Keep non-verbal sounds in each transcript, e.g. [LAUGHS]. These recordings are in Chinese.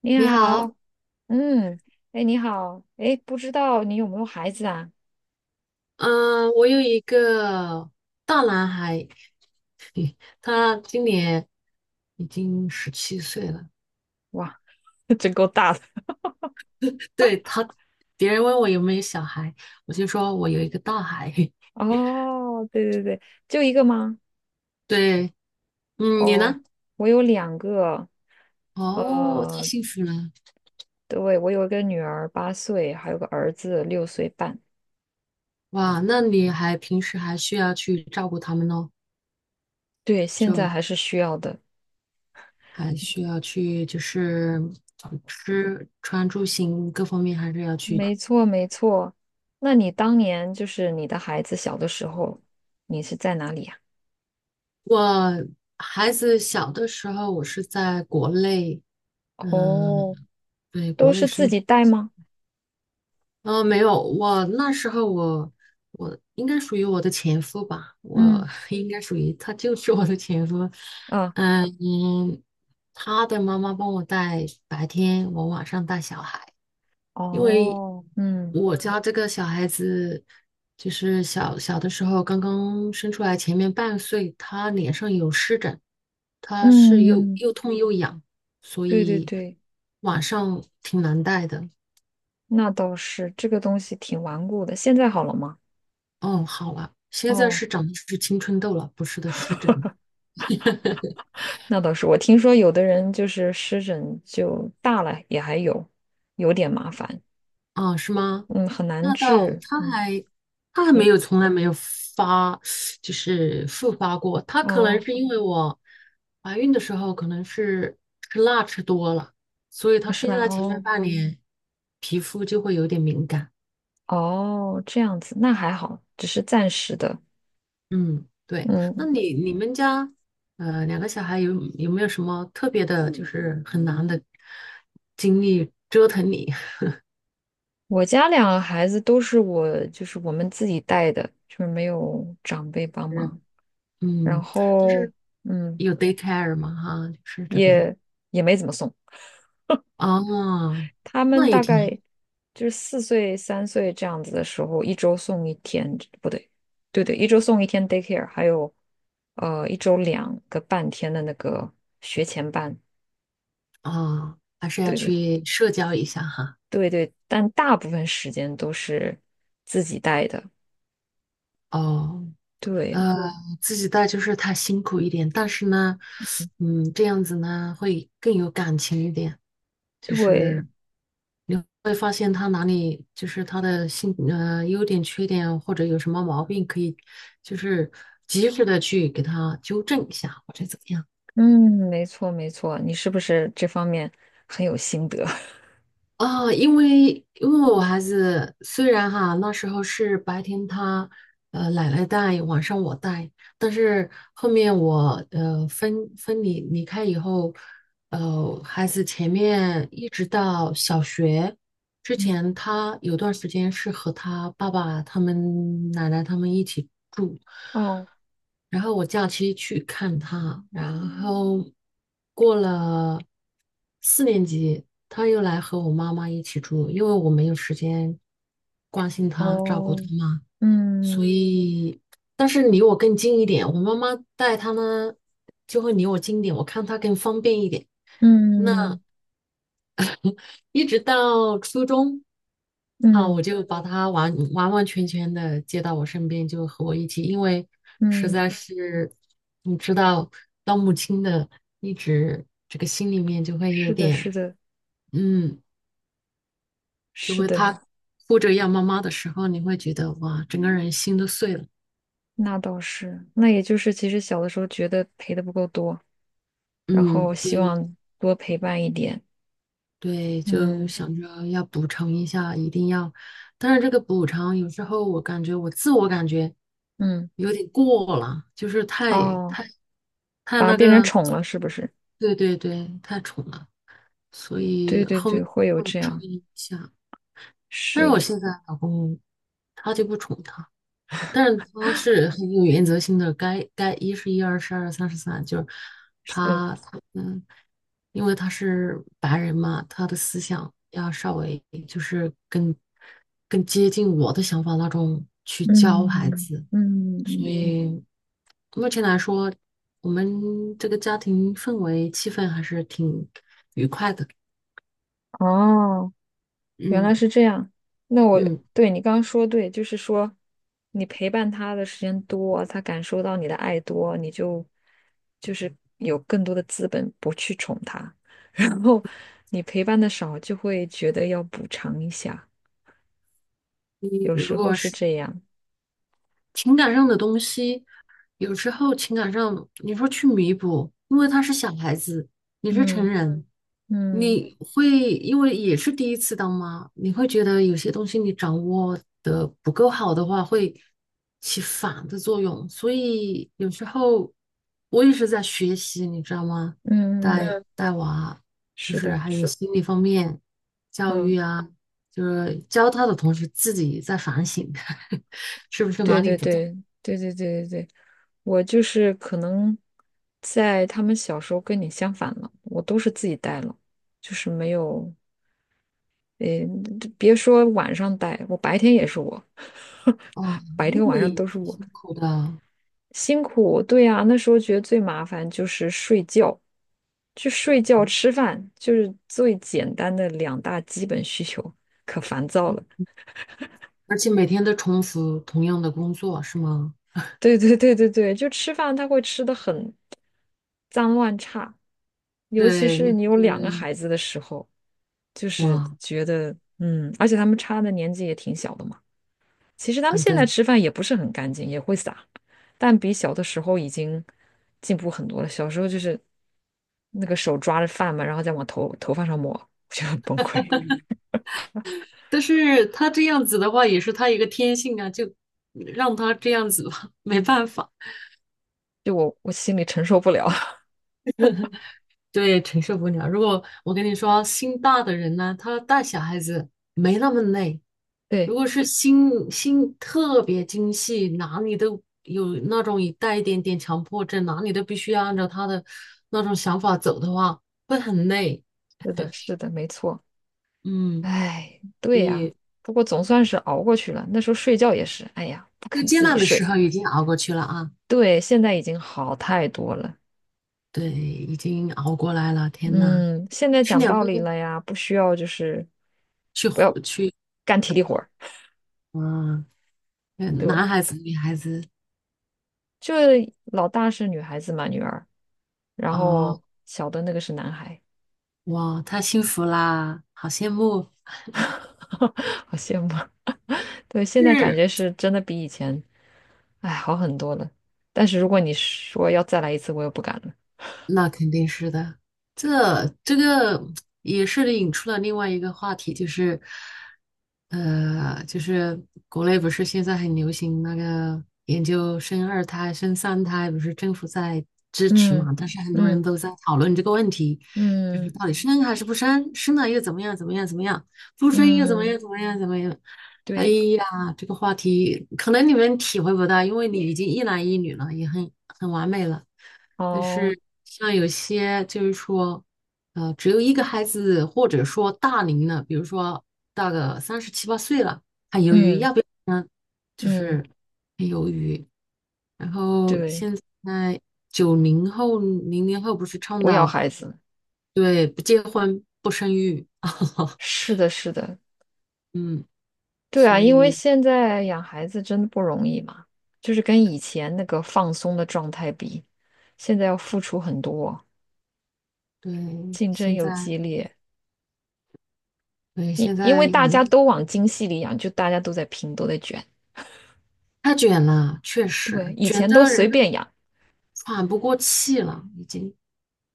你你好，好，嗯，哎，你好，哎，不知道你有没有孩子啊？嗯、我有一个大男孩，他今年已经17岁了。哇，[LAUGHS] 真够大的。对他，别人问我有没有小孩，我就说我有一个大孩。[LAUGHS] 哦，对对对，就一个吗？对，嗯，你哦，呢？我有两个，哦，太呃，幸福了，对，我有一个女儿8岁，还有个儿子6岁半。哇！那你还平时还需要去照顾他们哦，对，现在就还是需要的。还需要去就是吃穿住行各方面还是要去没错，没错。那你当年就是你的孩子小的时候，你是在哪里呀？我孩子小的时候，我是在国内。哦，嗯，对，都国内是自生。己带吗？没有，我那时候我应该属于我的前夫吧，嗯，我 [LAUGHS] 应该属于他就是我的前夫。啊，嗯嗯，他的妈妈帮我带白天，我晚上带小孩。因为哦，嗯。我家这个小孩子，就是小小的时候刚刚生出来，前面半岁，他脸上有湿疹，他是又嗯，又痛又痒，所对对以对，晚上挺难带的。那倒是，这个东西挺顽固的。现在好了吗？哦，好了，现在哦，是长的是青春痘了，不是的湿疹了。[LAUGHS] 那倒是。我听说有的人就是湿疹就大了也还有，有点麻烦，啊，是吗？嗯，很难那倒，治。他嗯，还他还你没有，从来没有发，就是复发过。他可能哦，是因为我怀孕的时候可能是吃辣吃多了，所以他是生吧？下来前面哦半年皮肤就会有点敏感。哦，这样子，那还好，只是暂时的。嗯，对。那嗯，你们家两个小孩有没有什么特别的，就是很难的经历折腾你？我家两个孩子都是我，就是我们自己带的，就是没有长辈帮 [LAUGHS] 是，忙，然嗯，就后是嗯，有 daycare 吗？哈，就是这边。也也没怎么送。哦，他们那也大挺概就是4岁、3岁这样子的时候，一周送一天，不对，对对，一周送一天 daycare，还有一周两个半天的那个学前班，好啊，还是要对对去社交一下哈。对对，但大部分时间都是自己带的，哦，对呃，自己带就是他辛苦一点，但是呢，嗯，这样子呢会更有感情一点，就对，是会发现他哪里就是他的性优点、缺点或者有什么毛病，可以就是及时的去给他纠正一下或者怎么样。嗯，没错没错，你是不是这方面很有心得？啊，因为我孩子虽然哈那时候是白天他奶奶带，晚上我带。但是后面我分离开以后，孩子前面一直到小学 [LAUGHS] 之嗯，前，他有段时间是和他爸爸他们奶奶他们一起住，哦然后我假期去看他。然后过了4年级，他又来和我妈妈一起住，因为我没有时间关心他、照顾他哦，嘛，所嗯以但是离我更近一点，我妈妈带他呢就会离我近一点，我看他更方便一点。那嗯一直到初中，啊，我嗯就把他完完完全全的接到我身边，就和我一起，因为实在嗯，是你知道，当母亲的一直这个心里面就会有是的，是点。的。嗯，就是会的，她哭着要妈妈的时候，你会觉得哇，整个人心都碎了。那倒是。那也就是，其实小的时候觉得陪的不够多，然后嗯，对希望多陪伴一点。对，就嗯想着要补偿一下，一定要。但是这个补偿有时候我感觉我自我感觉嗯，有点过了，就是太哦，太太反而那变成个。宠了，是不是？对对对，太宠了，所以对对后面对，会有会这注样。意一下。但是我是现在老公他就不宠他，但是他是很有原则性的，该一是一，二是二，三是三，就是是，他嗯，因为他是白人嘛，他的思想要稍微就是更接近我的想法那种去教孩嗯子。嗯嗯所嗯，嗯以目前来说，我们这个家庭氛围气氛还是挺。哦。原嗯来是这样。那我嗯，对你刚刚说对，就是说你陪伴他的时间多，他感受到你的爱多，你就就是有更多的资本不去宠他。[LAUGHS] 然后你陪伴的少，就会觉得要补偿一下，你有如时候果是是这样。情感上的东西，有时候情感上你说去弥补，因为他是小孩子，你是成嗯人，嗯你会因为也是第一次当妈，你会觉得有些东西你掌握的不够好的话，会起反的作用。所以有时候我也是在学习，你知道吗？嗯带嗯，嗯，带娃，就是是的，还有是心理方面教嗯。育啊，就是教他的同时自己在反省。[LAUGHS] 是不是哪对里对不对？对对对对对对，我就是可能在他们小时候跟你相反了，我都是自己带了，就是没有，诶，别说晚上带，我白天也是我，[LAUGHS] 哦，白那天晚上你都是挺我，辛苦的，辛苦。对呀，那时候觉得最麻烦就是睡觉，就睡觉吃饭，就是最简单的两大基本需求，可烦躁了。而且每天都重复同样的工作，是吗？对对对对对，就吃饭他会吃的很脏乱差，尤其对，你是会你有觉两个得孩子的时候，就是哇，觉得嗯，而且他们差的年纪也挺小的嘛。其实他们嗯，现在对。吃饭也不是很干净，也会撒，但比小的时候已经进步很多了。小时候就是那个手抓着饭嘛，然后再往头发上抹，我觉得很崩溃，但是他这样子的话，也是他一个天性啊，就让他这样子吧，没办法。就我心里承受不了。对，承受不了。如果我跟你说，心大的人呢，他带小孩子没那么累。[LAUGHS] 如对，果是心特别精细，哪里都有那种一带一点点强迫症，哪里都必须要按照他的那种想法走的话，会很累。是的，是的，没错。嗯，哎，对呀，不过总算是熬过去了。那时候睡觉也是，哎呀，不最肯艰自己难的时睡。候已经熬过去了啊，对，现在已经好太多了。对，已经熬过来了。天呐，嗯，现在是讲两道个理了呀，不需要就是去不要活去，干体力活儿。嗯，对，男孩子女孩子，就老大是女孩子嘛，女儿，然啊！后小的那个是男孩，哇，太幸福啦，好羡慕。[LAUGHS] 好羡慕。对，现在感是，觉是真的比以前，哎，好很多了。但是如果你说要再来一次，我又不敢了。那肯定是的。这个也是引出了另外一个话题，就是，就是国内不是现在很流行那个研究生二胎、生三胎，不是政府在支持嗯嘛？但是很多人嗯都在讨论这个问题，就是嗯。到底生还是不生？生了又怎么样？怎么样？怎么样？不生又怎么嗯，样？怎么样？怎么样？哎对，呀，这个话题可能你们体会不到，因为你已经一男一女了，也很完美了。但哦，是像有些就是说，只有一个孩子，或者说大龄了，比如说大个三十七八岁了，还犹豫嗯要不要呢，就嗯，是很犹豫。然后对，现在90后、00后不是倡我要导孩子，对不结婚不生育。[LAUGHS] 是的，是的，嗯，对啊，所因为以现在养孩子真的不容易嘛，就是跟以前那个放松的状态比，现在要付出很多，对竞争现在又激烈，对因现因在为大家都往精细里养，就大家都在拼，都在卷，太卷了，确对，实以卷前都的随人都便养，喘不过气了，已经。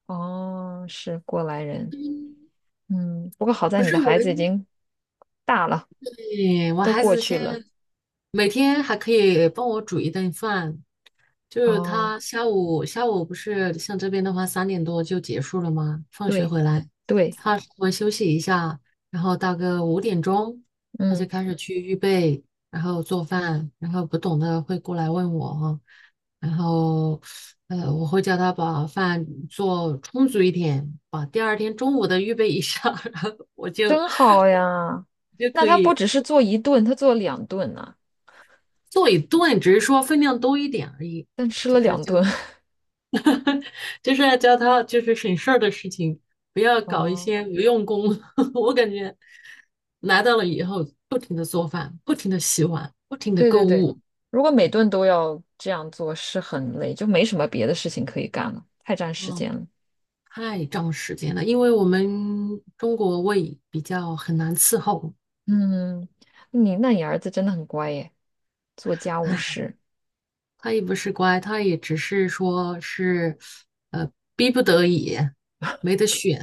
哦，是过来人，嗯，不过好在不你是的我孩子已们，经大了，对，我都孩过子现去了，在每天还可以帮我煮一顿饭，就是哦，他下午不是像这边的话3点多就结束了吗？放学对回来，对。他稍微休息一下，然后大概5点钟他嗯，就开始去预备，然后做饭，然后不懂的会过来问我哈。然后我会叫他把饭做充足一点，把第二天中午的预备一下，[LAUGHS] 然后我就真好呀。就那可他不以只是做一顿，他做两顿呢、做一顿，只是说分量多一点而已，但吃就了是两加。顿。就是要教他就是省事儿的事情，不要 [LAUGHS] 搞一哦，些无用功。[LAUGHS] 我感觉来到了以后，不停的做饭，不停的洗碗，不停的对购对对，物，如果每顿都要这样做，是很累，就没什么别的事情可以干了，太占时嗯，间了。太占时间了。因为我们中国胃比较很难伺候。嗯，你那你儿子真的很乖耶，做家务哎，事，他也不是乖，他也只是说是呃逼不得已，没得选。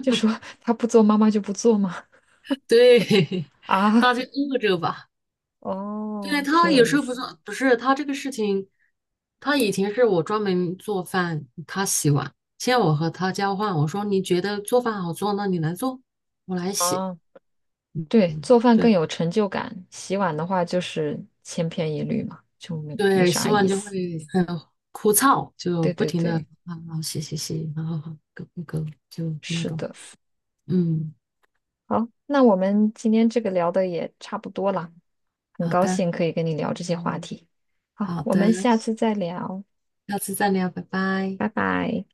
就说他不做，妈妈就不做吗？[LAUGHS] 对，[LAUGHS] [LAUGHS] 大啊，家饿着吧。对，哦，挺他有有意时候不思做，不是他这个事情，他以前是我专门做饭，他洗碗。现在我和他交换，我说你觉得做饭好做，那你来做，我来洗。啊。对，做饭更对有成就感，洗碗的话就是千篇一律嘛，就没对，洗啥碗意就会思。很枯燥，就对不对停的对，啊啊洗洗洗，然后好勾 g 勾，就那是种。的。嗯，好，那我们今天这个聊的也差不多了，很好高的兴可以跟你聊这些话题。好，好我的，们下次再聊，下次再聊，拜拜。拜拜。